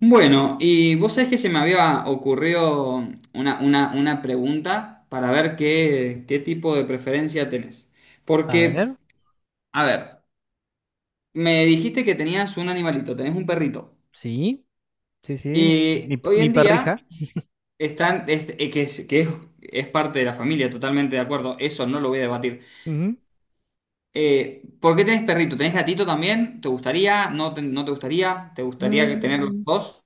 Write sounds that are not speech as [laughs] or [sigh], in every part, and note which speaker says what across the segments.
Speaker 1: Bueno, y vos sabés que se me había ocurrido una pregunta para ver qué tipo de preferencia tenés.
Speaker 2: A ver,
Speaker 1: Porque, a ver, me dijiste que tenías un animalito, tenés un perrito.
Speaker 2: sí, sí, sí, mi,
Speaker 1: Y
Speaker 2: mi-
Speaker 1: hoy
Speaker 2: mi
Speaker 1: en día
Speaker 2: perrija.
Speaker 1: están, es parte de la familia, totalmente de acuerdo, eso no lo voy a debatir.
Speaker 2: Ujú.
Speaker 1: ¿Por qué tenés perrito? ¿Tenés gatito también? ¿Te gustaría? ¿No te gustaría? ¿Te gustaría que tener los
Speaker 2: Mm,
Speaker 1: dos?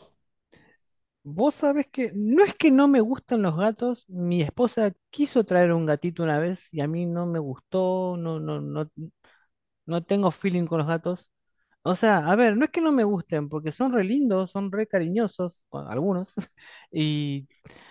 Speaker 2: Vos sabés que no es que no me gustan los gatos, mi esposa quiso traer un gatito una vez y a mí no me gustó, no, no, no, no tengo feeling con los gatos. O sea, a ver, no es que no me gusten, porque son re lindos, son re cariñosos, bueno, algunos, [laughs] y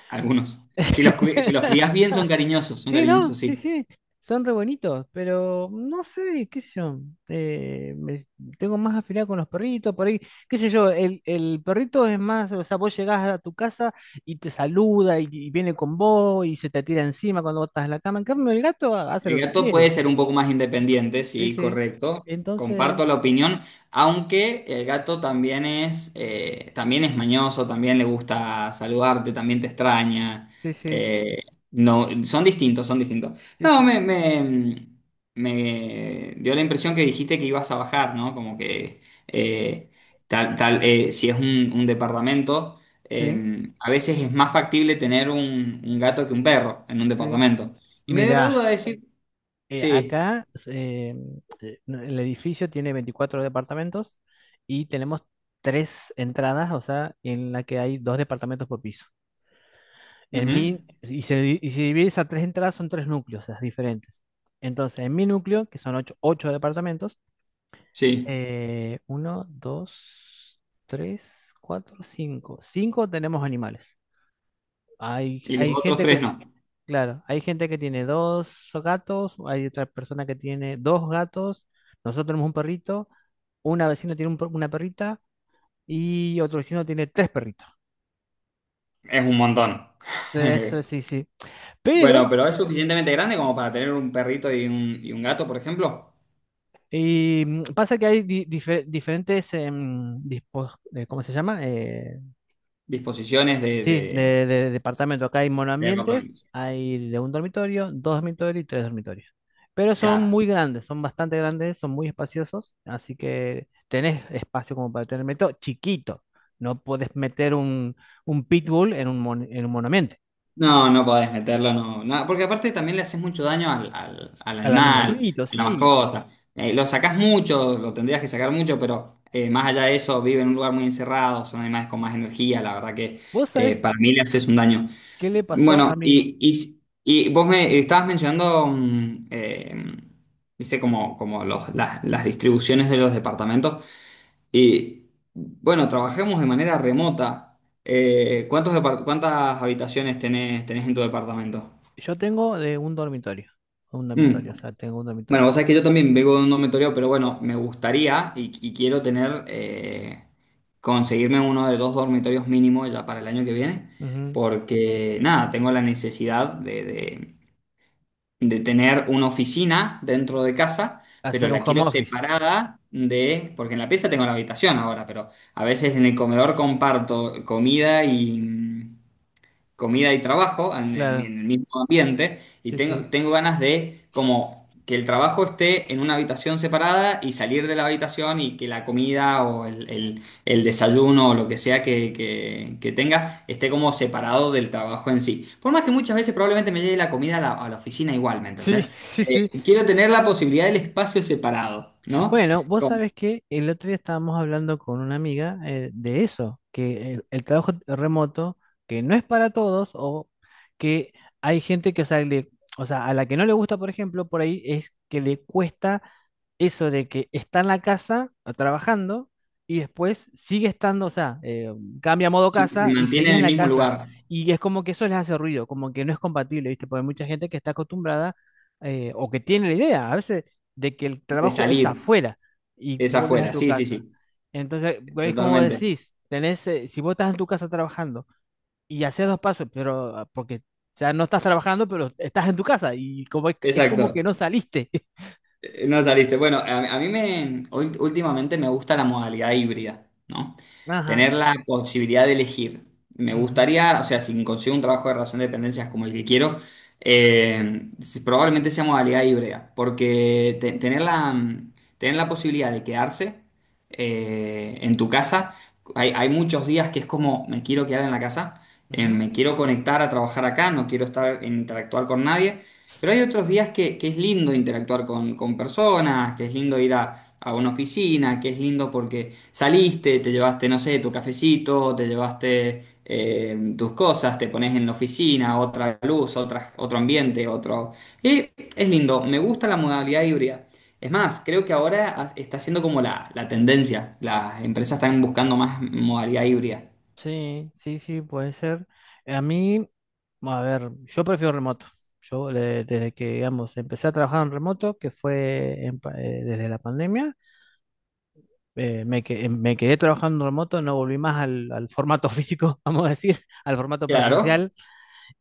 Speaker 1: Algunos. Si los
Speaker 2: [laughs]
Speaker 1: crías bien, son
Speaker 2: sí, no,
Speaker 1: cariñosos,
Speaker 2: sí,
Speaker 1: sí.
Speaker 2: sí, son re bonitos, pero no sé, qué sé yo, eh, me- tengo más afinidad con los perritos, por ahí, qué sé yo, el perrito es más, o sea, vos llegás a tu casa y te saluda y viene con vos y se te tira encima cuando vos estás en la cama, en cambio el gato hace lo
Speaker 1: El
Speaker 2: que
Speaker 1: gato puede
Speaker 2: quiere,
Speaker 1: ser un poco más independiente,
Speaker 2: sí,
Speaker 1: sí,
Speaker 2: sí,
Speaker 1: correcto.
Speaker 2: entonces,
Speaker 1: Comparto la opinión, aunque el gato también es mañoso, también le gusta saludarte, también te extraña.
Speaker 2: sí, sí,
Speaker 1: eh, no, son distintos, son distintos.
Speaker 2: sí,
Speaker 1: No,
Speaker 2: sí,
Speaker 1: me dio la impresión que dijiste que ibas a bajar, ¿no? Como que eh, si es un departamento,
Speaker 2: sí,
Speaker 1: a veces es más factible tener un gato que un perro en un
Speaker 2: sí,
Speaker 1: departamento. Y me dio la duda
Speaker 2: mirá.
Speaker 1: de decir, sí,
Speaker 2: Acá no, el edificio tiene 24 departamentos y tenemos tres entradas, o sea, en la que hay dos departamentos por piso. En
Speaker 1: ujú,
Speaker 2: mi, y se, di- Y se divide esas tres entradas, son tres núcleos, las diferentes. Entonces, en mi núcleo, que son ocho departamentos,
Speaker 1: sí,
Speaker 2: uno, dos, tres, cuatro, cinco. Cinco tenemos animales. Hay,
Speaker 1: y los
Speaker 2: hay
Speaker 1: otros
Speaker 2: gente
Speaker 1: tres
Speaker 2: que.
Speaker 1: no.
Speaker 2: Claro, hay gente que tiene dos gatos, hay otra persona que tiene dos gatos, nosotros tenemos un perrito, una vecina tiene una perrita y otro vecino tiene tres perritos.
Speaker 1: Es un montón.
Speaker 2: Sí, sí,
Speaker 1: [laughs]
Speaker 2: sí, sí. Pero
Speaker 1: Bueno, pero es suficientemente grande como para tener un perrito y un gato, por ejemplo.
Speaker 2: y, pasa que hay diferentes, ¿cómo se llama?
Speaker 1: Disposiciones de,
Speaker 2: Sí,
Speaker 1: de,
Speaker 2: de departamento. Acá hay
Speaker 1: de
Speaker 2: monoambientes,
Speaker 1: apartamentos.
Speaker 2: hay de un dormitorio, dos dormitorios y tres dormitorios. Pero son
Speaker 1: Claro.
Speaker 2: muy grandes, son bastante grandes, son muy espaciosos, así que tenés espacio como para tener meto chiquito. No podés meter un pitbull en en un monoambiente.
Speaker 1: No, no podés meterlo, no, no, porque aparte también le haces mucho daño al
Speaker 2: Al
Speaker 1: animal,
Speaker 2: animalito,
Speaker 1: a la
Speaker 2: sí.
Speaker 1: mascota. Lo sacás mucho, lo tendrías que sacar mucho, pero más allá de eso, vive en un lugar muy encerrado, son animales con más energía, la verdad que
Speaker 2: ¿Vos sabés
Speaker 1: para mí le haces un daño.
Speaker 2: qué le pasó a
Speaker 1: Bueno,
Speaker 2: mi...
Speaker 1: y vos me estabas mencionando, viste, como las distribuciones de los departamentos. Y bueno, trabajemos de manera remota. ¿Cuántas habitaciones tenés en tu departamento?
Speaker 2: Yo tengo de un dormitorio,
Speaker 1: Mm.
Speaker 2: o sea, tengo un
Speaker 1: Bueno,
Speaker 2: dormitorio.
Speaker 1: vos sabés que yo también vengo de un dormitorio, pero bueno, me gustaría y quiero tener, conseguirme uno de dos dormitorios mínimos ya para el año que viene,
Speaker 2: Ujú.
Speaker 1: porque nada, tengo la necesidad de tener una oficina dentro de casa, pero
Speaker 2: Hacer un
Speaker 1: la
Speaker 2: home
Speaker 1: quiero
Speaker 2: office,
Speaker 1: separada de, porque en la pieza tengo la habitación ahora, pero a veces en el comedor comparto comida y, comida y trabajo en el,
Speaker 2: claro,
Speaker 1: en el mismo ambiente y
Speaker 2: sí, sí.
Speaker 1: tengo ganas de como que el trabajo esté en una habitación separada y salir de la habitación y que la comida o el desayuno o lo que sea que tenga esté como separado del trabajo en sí. Por más que muchas veces probablemente me llegue la comida a la oficina igual, ¿me
Speaker 2: Sí,
Speaker 1: entendés?
Speaker 2: [laughs] sí, sí.
Speaker 1: Quiero tener la posibilidad del espacio separado, ¿no?
Speaker 2: Bueno, vos
Speaker 1: Como
Speaker 2: sabés que el otro día estábamos hablando con una amiga de eso, que el trabajo remoto, que no es para todos, o que hay gente que sale, o sea, a la que no le gusta, por ejemplo, por ahí es que le cuesta eso de que está en la casa trabajando y después sigue estando, o sea, cambia a modo
Speaker 1: si se
Speaker 2: casa y
Speaker 1: mantiene
Speaker 2: seguís
Speaker 1: en
Speaker 2: en
Speaker 1: el
Speaker 2: la
Speaker 1: mismo
Speaker 2: casa.
Speaker 1: lugar,
Speaker 2: Y es como que eso les hace ruido, como que no es compatible, ¿viste? Porque hay mucha gente que está acostumbrada o que tiene la idea. A veces de que el
Speaker 1: de
Speaker 2: trabajo es
Speaker 1: salir,
Speaker 2: afuera y
Speaker 1: es
Speaker 2: vuelves a
Speaker 1: afuera,
Speaker 2: tu
Speaker 1: sí, sí,
Speaker 2: casa.
Speaker 1: sí,
Speaker 2: Entonces, es como vos
Speaker 1: totalmente.
Speaker 2: decís, tenés, si vos estás en tu casa trabajando y haces dos pasos, pero porque, o sea, no estás trabajando, pero estás en tu casa y como es como que
Speaker 1: Exacto.
Speaker 2: no saliste. [laughs]
Speaker 1: No saliste. Bueno, a mí últimamente me gusta la modalidad híbrida, ¿no?
Speaker 2: Ajá.
Speaker 1: Tener la posibilidad de elegir. Me
Speaker 2: Ujú,
Speaker 1: gustaría, o sea, si consigo un trabajo de relación de dependencias como el que quiero, probablemente sea modalidad híbrida, porque tener la posibilidad de quedarse en tu casa, hay muchos días que es como, me quiero quedar en la casa,
Speaker 2: ujú.
Speaker 1: me quiero conectar a trabajar acá, no quiero estar, interactuar con nadie. Pero hay otros días que es lindo interactuar con personas, que es lindo ir a una oficina, que es lindo porque saliste, te llevaste, no sé, tu cafecito, te llevaste tus cosas, te pones en la oficina, otra luz, otra, otro ambiente, otro... Y es lindo, me gusta la modalidad híbrida. Es más, creo que ahora está siendo como la tendencia. Las empresas están buscando más modalidad híbrida.
Speaker 2: Sí, sí, sí, puede ser. A mí, a ver, yo prefiero remoto. Desde que, digamos, empecé a trabajar en remoto, que fue desde la pandemia, me quedé trabajando en remoto, no volví más al formato físico, [laughs] vamos a decir, al formato
Speaker 1: Claro,
Speaker 2: presencial.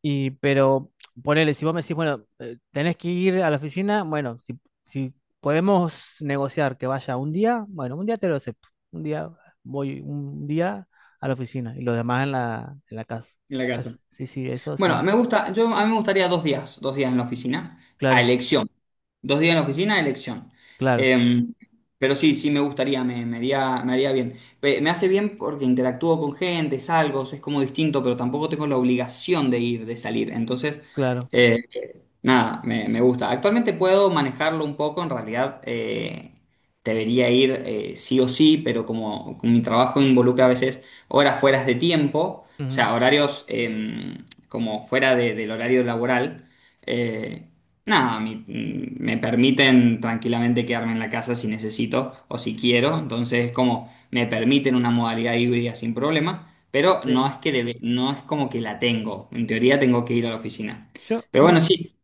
Speaker 2: Y, pero ponele, si vos me decís, bueno, tenés que ir a la oficina, bueno, si podemos negociar que vaya un día, bueno, un día te lo acepto. Un día Voy un día a la oficina y los demás en la casa.
Speaker 1: en la
Speaker 2: Eso-
Speaker 1: casa.
Speaker 2: sí, sí, eso
Speaker 1: Bueno,
Speaker 2: sí.
Speaker 1: me gusta, yo a mí me gustaría dos días en la oficina, a
Speaker 2: Claro,
Speaker 1: elección. Dos días en la oficina, a elección.
Speaker 2: claro,
Speaker 1: Eh, pero sí, sí me gustaría, me haría bien. Me hace bien porque interactúo con gente, salgo, es como distinto, pero tampoco tengo la obligación de ir, de salir. Entonces,
Speaker 2: claro.
Speaker 1: eh, nada, me gusta. Actualmente puedo manejarlo un poco, en realidad debería ir sí o sí, pero como mi trabajo involucra a veces horas fuera de tiempo, o
Speaker 2: Ujú.
Speaker 1: sea, horarios como fuera del horario laboral, eh, nada, me permiten tranquilamente quedarme en la casa si necesito o si quiero, entonces como me permiten una modalidad híbrida sin problema, pero no
Speaker 2: Sí.
Speaker 1: es que no es como que la tengo, en teoría tengo que ir a la oficina.
Speaker 2: Yo
Speaker 1: Pero
Speaker 2: no,
Speaker 1: bueno, sí,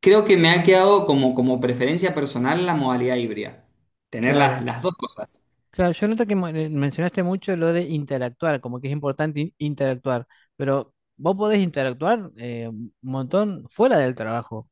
Speaker 1: creo que me ha quedado como preferencia personal la modalidad híbrida. Tener las,
Speaker 2: claro.
Speaker 1: las dos cosas.
Speaker 2: Claro, yo noto que mencionaste mucho lo de interactuar, como que es importante interactuar, pero vos podés interactuar un montón fuera del trabajo.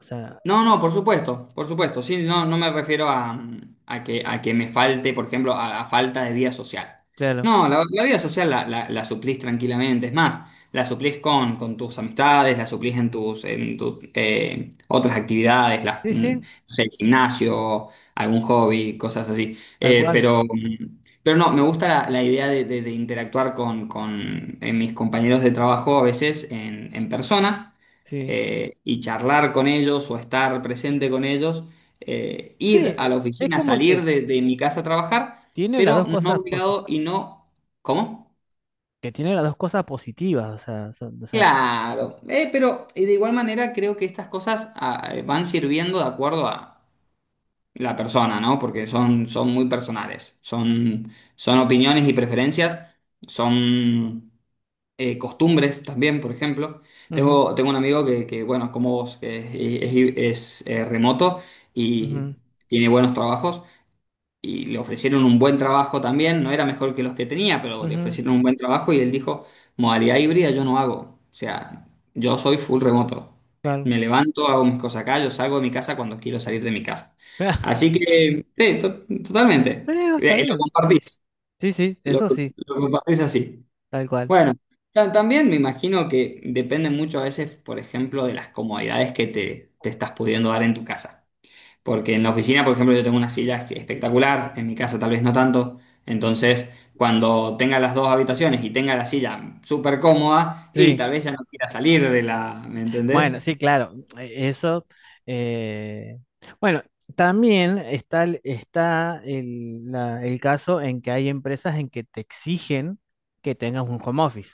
Speaker 2: O sea,
Speaker 1: No, no, por supuesto, por supuesto. Sí, no, no me refiero a, a que me falte, por ejemplo, a falta de vida social.
Speaker 2: claro.
Speaker 1: No, la vida social la suplís tranquilamente. Es más, la suplís con tus amistades, la suplís en tus otras actividades,
Speaker 2: Sí, sí,
Speaker 1: no sé, el gimnasio, algún hobby, cosas así.
Speaker 2: tal
Speaker 1: Eh,
Speaker 2: cual.
Speaker 1: pero, mm, pero no, me gusta la idea de interactuar con mis compañeros de trabajo a veces en persona
Speaker 2: Sí.
Speaker 1: y charlar con ellos o estar presente con ellos,
Speaker 2: Sí,
Speaker 1: ir a la
Speaker 2: es
Speaker 1: oficina,
Speaker 2: como
Speaker 1: salir
Speaker 2: que
Speaker 1: de mi casa a trabajar,
Speaker 2: tiene las
Speaker 1: pero
Speaker 2: dos
Speaker 1: no
Speaker 2: cosas posi-
Speaker 1: obligado y no... ¿Cómo?
Speaker 2: que tiene las dos cosas positivas, o sea, o sea,
Speaker 1: Claro, pero de igual manera creo que estas cosas van sirviendo de acuerdo a la persona, ¿no? Porque son, son, muy personales, son opiniones y preferencias, son... costumbres también, por ejemplo.
Speaker 2: ujú,
Speaker 1: Tengo un amigo que, bueno, como vos, que es remoto y
Speaker 2: ujú,
Speaker 1: tiene buenos trabajos y le ofrecieron un buen trabajo también, no era mejor que los que tenía, pero le
Speaker 2: ujú,
Speaker 1: ofrecieron un buen trabajo y él dijo, modalidad híbrida yo no hago, o sea, yo soy full remoto.
Speaker 2: claro.
Speaker 1: Me levanto, hago mis cosas acá, yo salgo de mi casa cuando quiero salir de mi casa.
Speaker 2: [laughs]
Speaker 1: Así que, sí,
Speaker 2: Sí,
Speaker 1: totalmente.
Speaker 2: no, está
Speaker 1: Lo
Speaker 2: bien.
Speaker 1: compartís,
Speaker 2: Sí, sí,
Speaker 1: lo
Speaker 2: eso sí,
Speaker 1: lo compartís así.
Speaker 2: tal cual.
Speaker 1: Bueno, también me imagino que depende mucho a veces, por ejemplo, de las comodidades que te estás pudiendo dar en tu casa. Porque en la oficina, por ejemplo, yo tengo una silla que- espectacular, en mi casa tal vez no tanto. Entonces, cuando tenga las dos habitaciones y tenga la silla súper cómoda, y
Speaker 2: Sí.
Speaker 1: tal vez ya no quiera salir de la, ¿me entendés?
Speaker 2: Bueno, sí, claro, e- eso. eh, bueno, también está, está el caso en que hay empresas en que te exigen que tengas un home office,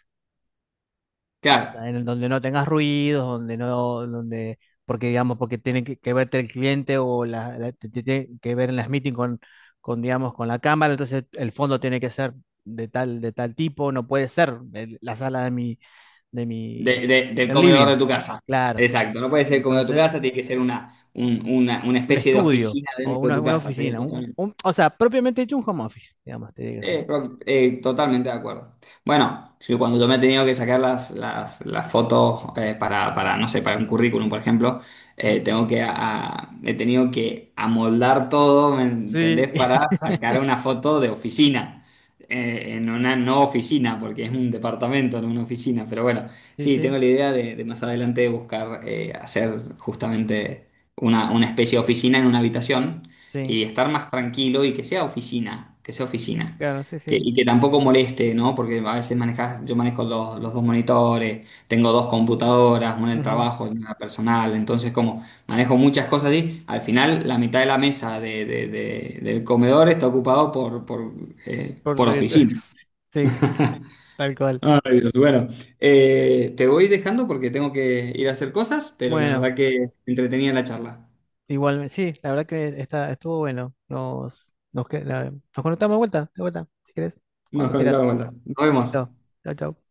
Speaker 2: o sea, en
Speaker 1: Claro,
Speaker 2: donde no tengas ruidos, donde no, donde, porque digamos, porque tiene que verte el cliente o te tiene que ver en las meetings digamos, con la cámara, entonces el fondo tiene que ser de tal tipo, no puede ser la sala de mi,
Speaker 1: del
Speaker 2: del
Speaker 1: comedor de
Speaker 2: living,
Speaker 1: tu casa.
Speaker 2: claro.
Speaker 1: Exacto, no puede ser el comedor de tu
Speaker 2: Entonces...
Speaker 1: casa, tiene que ser una
Speaker 2: un
Speaker 1: especie de
Speaker 2: estudio
Speaker 1: oficina
Speaker 2: o
Speaker 1: dentro de tu
Speaker 2: una
Speaker 1: casa. Sí,
Speaker 2: oficina.
Speaker 1: totalmente.
Speaker 2: O sea, propiamente hecho un home office, digamos, tiene que ser.
Speaker 1: Pro- totalmente de acuerdo. Bueno, sí, cuando yo me he tenido que sacar las fotos para, no sé, para un currículum, por ejemplo, tengo
Speaker 2: Ujú.
Speaker 1: que he tenido que amoldar todo, ¿me
Speaker 2: Sí,
Speaker 1: entendés?
Speaker 2: [laughs]
Speaker 1: Para sacar una foto de oficina, en una no oficina, porque es un departamento, no una oficina. Pero bueno,
Speaker 2: sí,
Speaker 1: sí,
Speaker 2: sí,
Speaker 1: tengo la idea de más adelante buscar hacer justamente una especie de oficina en una habitación
Speaker 2: sí,
Speaker 1: y estar más tranquilo y que sea oficina, que sea oficina.
Speaker 2: claro, sí,
Speaker 1: Que-
Speaker 2: sí.
Speaker 1: y que tampoco moleste, ¿no? Porque a veces manejas, yo manejo los dos monitores, tengo dos computadoras, una del
Speaker 2: Ujú.
Speaker 1: trabajo, una la personal, entonces como manejo muchas cosas y al final la mitad de la mesa del comedor está ocupado
Speaker 2: Por
Speaker 1: por
Speaker 2: cierto,
Speaker 1: oficina.
Speaker 2: [laughs] sí,
Speaker 1: [laughs]
Speaker 2: tal cual.
Speaker 1: Ay, Dios, bueno, te voy dejando porque tengo que ir a hacer cosas, pero la
Speaker 2: Bueno,
Speaker 1: verdad que entretenida la charla.
Speaker 2: igual, sí, la verdad que está, estuvo bueno. Nos conectamos de vuelta, si querés,
Speaker 1: Nos
Speaker 2: cuando quieras.
Speaker 1: conectamos de vuelta. Nos vemos.
Speaker 2: Listo. Chao, chao.